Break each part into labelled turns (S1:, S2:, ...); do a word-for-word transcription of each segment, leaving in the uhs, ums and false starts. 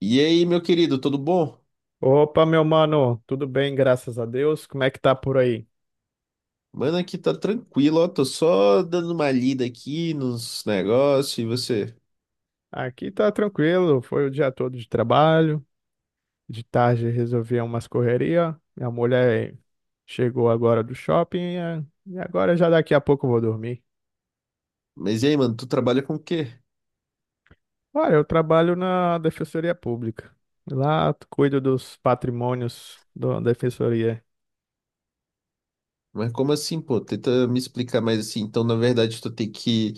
S1: E aí, meu querido, tudo bom?
S2: Opa, meu mano, tudo bem, graças a Deus. Como é que tá por aí?
S1: Mano, aqui tá tranquilo, ó. Tô só dando uma lida aqui nos negócios e você.
S2: Aqui tá tranquilo, foi o dia todo de trabalho. De tarde resolvi umas correria. Minha mulher chegou agora do shopping, eh, e agora já daqui a pouco eu vou dormir.
S1: Mas e aí, mano, tu trabalha com o quê?
S2: Olha, eu trabalho na Defensoria Pública. Lá cuido dos patrimônios da Defensoria.
S1: Mas como assim, pô? Tenta me explicar mais assim. Então, na verdade, tu tem que,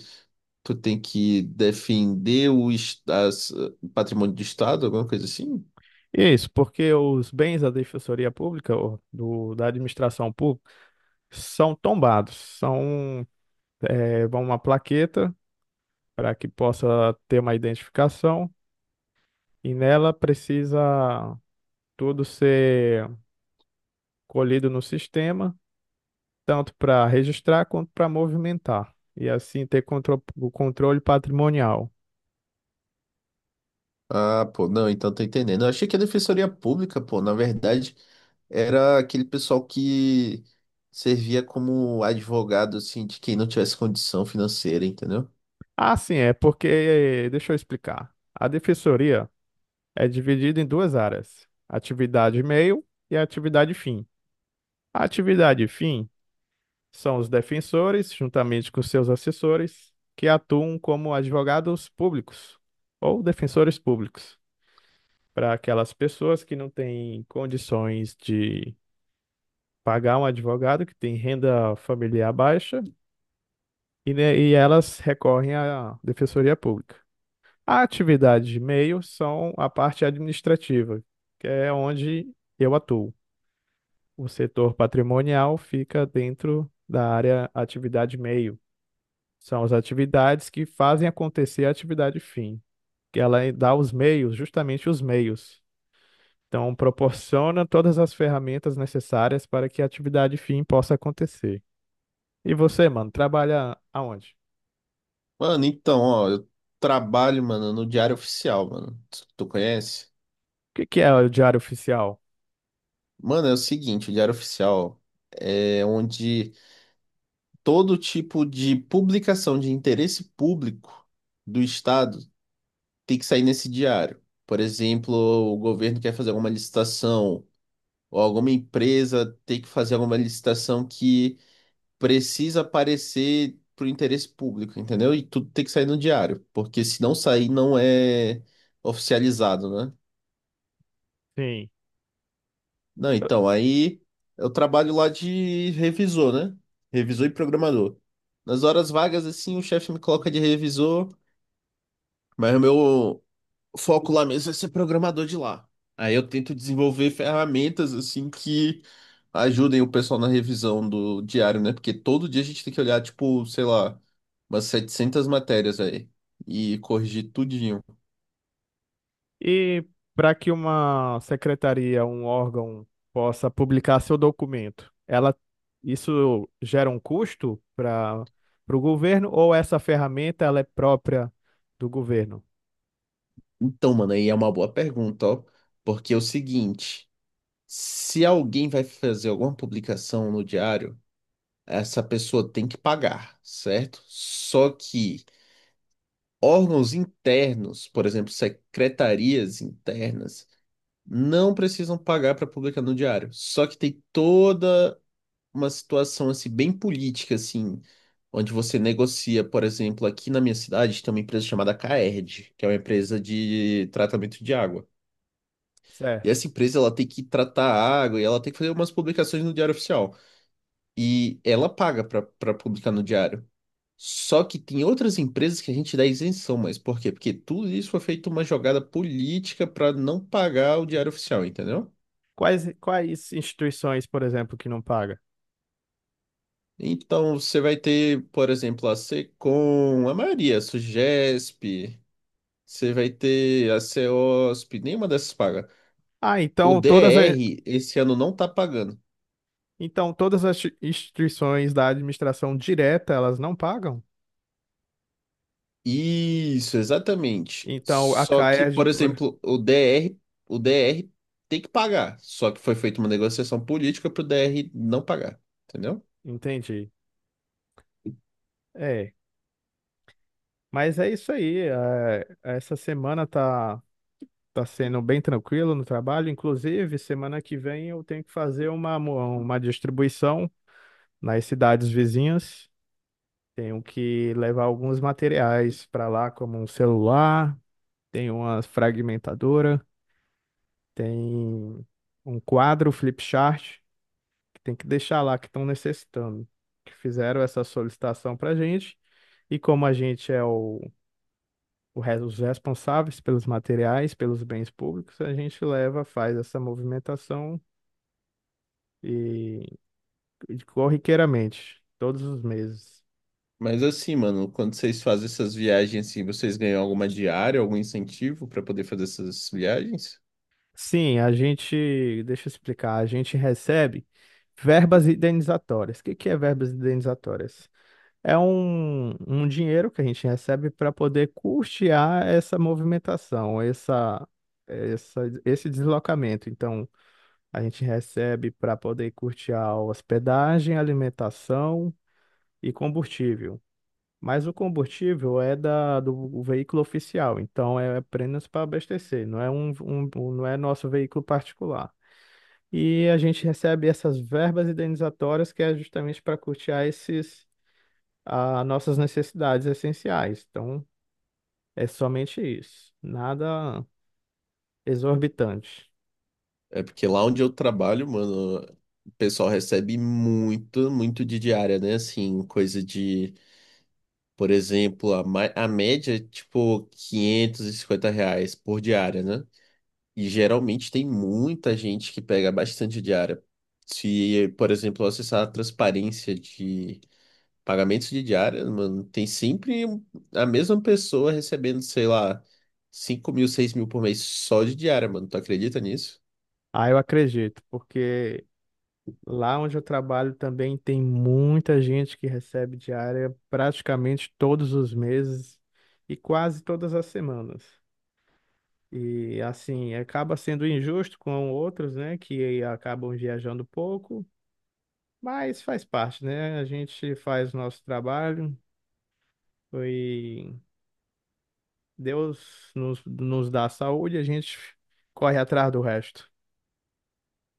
S1: tu tem que defender o es- as- o patrimônio do Estado, alguma coisa assim?
S2: Isso, porque os bens da Defensoria Pública, ou do, da administração pública, são tombados, são, eh, vão uma plaqueta para que possa ter uma identificação, e nela precisa tudo ser colhido no sistema, tanto para registrar quanto para movimentar, e assim ter contro- o controle patrimonial.
S1: Ah, pô, não, então tô entendendo. Eu achei que a Defensoria Pública, pô, na verdade, era aquele pessoal que servia como advogado, assim, de quem não tivesse condição financeira, entendeu?
S2: Ah, sim, é porque, deixa eu explicar. A defensoria é dividida em duas áreas: atividade meio e atividade fim. A atividade fim são os defensores, juntamente com seus assessores, que atuam como advogados públicos ou defensores públicos para aquelas pessoas que não têm condições de pagar um advogado, que tem renda familiar baixa, e, né, e elas recorrem à defensoria pública. A atividade de meio são a parte administrativa, que é onde eu atuo. O setor patrimonial fica dentro da área atividade meio. São as atividades que fazem acontecer a atividade fim. Que Ela dá os meios, justamente os meios. Então, proporciona todas as ferramentas necessárias para que a atividade fim possa acontecer. E você, mano, trabalha aonde?
S1: Mano, então, ó, eu trabalho, mano, no Diário Oficial, mano. Tu, tu conhece?
S2: O que que é o diário oficial?
S1: Mano, é o seguinte, o Diário Oficial é onde todo tipo de publicação de interesse público do Estado tem que sair nesse diário. Por exemplo, o governo quer fazer alguma licitação, ou alguma empresa tem que fazer alguma licitação que precisa aparecer pro interesse público, entendeu? E tudo tem que sair no diário, porque se não sair, não é oficializado, né?
S2: Sim.
S1: Não, então, aí eu trabalho lá de revisor, né? Revisor e programador. Nas horas vagas, assim, o chefe me coloca de revisor, mas o meu foco lá mesmo é ser programador de lá. Aí eu tento desenvolver ferramentas, assim, que ajudem o pessoal na revisão do diário, né? Porque todo dia a gente tem que olhar, tipo, sei lá, umas setecentas matérias aí e corrigir tudinho.
S2: E para que uma secretaria, um órgão, possa publicar seu documento, ela isso gera um custo para para o governo, ou essa ferramenta ela é própria do governo?
S1: Então, mano, aí é uma boa pergunta, ó. Porque é o seguinte. Se alguém vai fazer alguma publicação no diário, essa pessoa tem que pagar, certo? Só que órgãos internos, por exemplo, secretarias internas, não precisam pagar para publicar no diário. Só que tem toda uma situação assim bem política assim, onde você negocia, por exemplo, aqui na minha cidade tem uma empresa chamada Caerd, que é uma empresa de tratamento de água. E
S2: Certo.
S1: essa empresa ela tem que tratar a água e ela tem que fazer umas publicações no diário oficial, e ela paga para publicar no diário. Só que tem outras empresas que a gente dá isenção, mas por quê? Porque tudo isso foi feito uma jogada política para não pagar o diário oficial, entendeu?
S2: Quais, quais instituições, por exemplo, que não paga?
S1: Então você vai ter, por exemplo, a Secom, a Maria, a Sugesp, você vai ter a C E O S P, nenhuma dessas paga.
S2: Ah,
S1: O
S2: então todas, a-
S1: D R esse ano não tá pagando.
S2: então todas as instituições da administração direta, elas não pagam?
S1: Isso, exatamente.
S2: Então a
S1: Só que,
S2: CAERD,
S1: por
S2: por...
S1: exemplo, o D R, o D R tem que pagar. Só que foi feita uma negociação política pro D R não pagar, entendeu?
S2: Entendi. É, mas é isso aí. É, essa semana tá, tá sendo bem tranquilo no trabalho. Inclusive, semana que vem eu tenho que fazer uma, mo- uma distribuição nas cidades vizinhas. Tenho que levar alguns materiais para lá, como um celular, tem uma fragmentadora, tem um quadro flip chart que tem que deixar lá que estão necessitando, que fizeram essa solicitação para a gente. E como a gente é o, o re- os responsáveis pelos materiais, pelos bens públicos, a gente leva, faz essa movimentação e e corriqueiramente, todos os meses.
S1: Mas assim, mano, quando vocês fazem essas viagens assim, vocês ganham alguma diária, algum incentivo para poder fazer essas viagens?
S2: Sim, a gente, deixa eu explicar, a gente recebe verbas indenizatórias. O que que é verbas indenizatórias? É um, um dinheiro que a gente recebe para poder custear essa movimentação, essa, essa, esse deslocamento. Então, a gente recebe para poder custear a hospedagem, alimentação e combustível. Mas o combustível é da, do veículo oficial, então é apenas para abastecer, não é um, um, um- não é nosso veículo particular. E a gente recebe essas verbas indenizatórias que é justamente para custear esses a nossas necessidades essenciais. Então, é somente isso, nada exorbitante.
S1: É porque lá onde eu trabalho, mano, o pessoal recebe muito, muito de diária, né? Assim, coisa de, por exemplo, a, ma- a média é tipo quinhentos e cinquenta reais por diária, né? E geralmente tem muita gente que pega bastante diária. Se, por exemplo, eu acessar a transparência de pagamentos de diária, mano, tem sempre a mesma pessoa recebendo, sei lá, cinco mil, seis mil por mês só de diária, mano. Tu acredita nisso?
S2: Ah, eu acredito, porque lá onde eu trabalho também tem muita gente que recebe diária praticamente todos os meses e quase todas as semanas. E assim, acaba sendo injusto com outros, né, que acabam viajando pouco, mas faz parte, né? A gente faz o nosso trabalho. Foi Deus nos, nos dá saúde, a gente corre atrás do resto.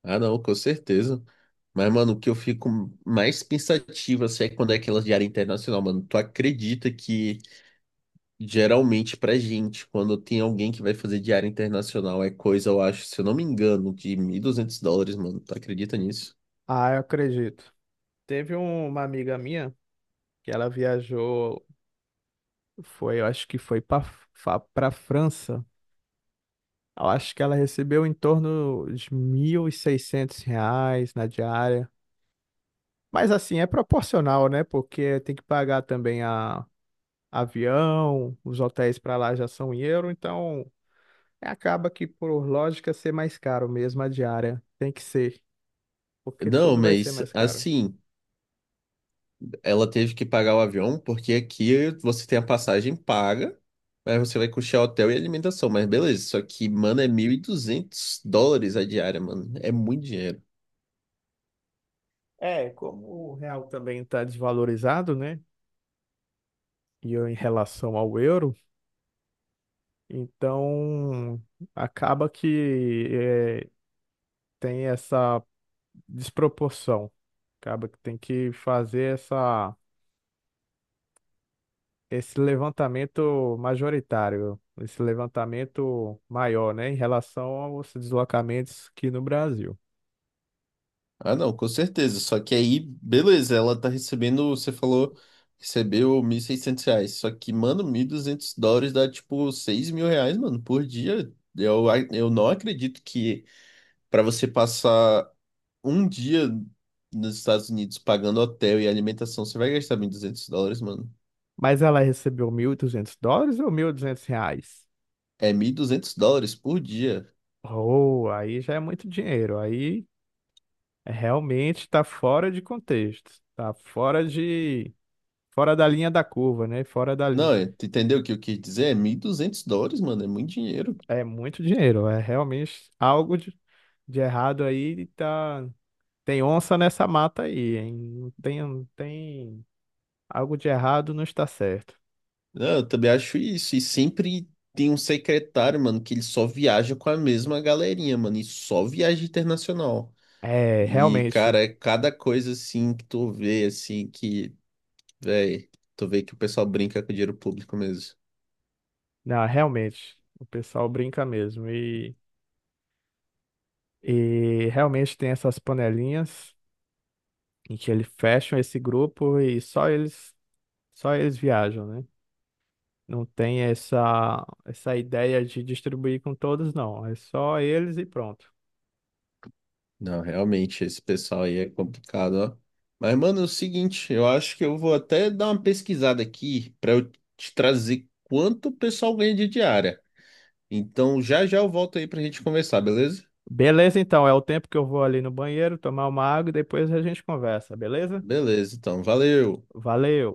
S1: Ah, não, com certeza. Mas, mano, o que eu fico mais pensativo assim, é quando é aquelas de área internacional, mano. Tu acredita que geralmente pra gente, quando tem alguém que vai fazer de área internacional, é coisa, eu acho, se eu não me engano, de mil e duzentos dólares, mano. Tu acredita nisso?
S2: Ah, eu acredito. Teve um- uma amiga minha que ela viajou, foi, eu acho que foi para França. Eu acho que ela recebeu em torno de mil e seiscentos reais na diária. Mas assim, é proporcional, né? Porque tem que pagar também a avião, os hotéis para lá já são em euro, então acaba que por lógica ser mais caro mesmo a diária. Tem que ser. Porque
S1: Não,
S2: tudo vai ser
S1: mas
S2: mais caro.
S1: assim, ela teve que pagar o avião, porque aqui você tem a passagem paga, mas você vai custear hotel e alimentação, mas beleza. Só que, mano, é mil e duzentos dólares a diária, mano. É muito dinheiro.
S2: É, como o real também está desvalorizado, né? E eu em relação ao euro, então acaba que é, tem essa desproporção. Acaba que tem que fazer essa, esse levantamento majoritário, esse levantamento maior, né? Em relação aos deslocamentos aqui no Brasil.
S1: Ah, não, com certeza. Só que aí, beleza, ela tá recebendo, você falou, recebeu mil e seiscentos reais. Só que, mano, mil e duzentos dólares dá tipo seis mil reais, mano, por dia. Eu, a- eu não acredito que pra você passar um dia nos Estados Unidos pagando hotel e alimentação, você vai gastar mil e duzentos dólares, mano.
S2: Mas ela recebeu mil e duzentos dólares ou mil e duzentos reais?
S1: É mil e duzentos dólares por dia.
S2: Oh, aí já é muito dinheiro. Aí é realmente está fora de contexto. Está fora de... Fora da linha da curva, né? Fora da linha.
S1: Não, é- tu entendeu o que eu quis dizer? É mil e duzentos dólares, mano, é muito dinheiro.
S2: É muito dinheiro. É realmente algo de, de errado aí. e Tá... Tem onça nessa mata aí, hein? Não tem, não tem... Algo de errado não está certo.
S1: Não, eu também acho isso. E sempre tem um secretário, mano, que ele só viaja com a mesma galerinha, mano, e só viaja internacional.
S2: É,
S1: E,
S2: realmente.
S1: cara, é cada coisa assim que tu vê, assim, que, véi, tu vê que o pessoal brinca com dinheiro público mesmo.
S2: Não, realmente. O pessoal brinca mesmo. e E realmente tem essas panelinhas em que eles fecham esse grupo e só eles, só eles viajam, né? Não tem essa, essa ideia de distribuir com todos, não. É só eles e pronto.
S1: Não, realmente, esse pessoal aí é complicado, ó. Mas, mano, é o seguinte, eu acho que eu vou até dar uma pesquisada aqui pra eu te trazer quanto o pessoal ganha de diária. Então, já já eu volto aí pra gente conversar, beleza?
S2: Beleza, então. É o tempo que eu vou ali no banheiro tomar uma água e depois a gente conversa, beleza?
S1: Beleza, então, valeu.
S2: Valeu!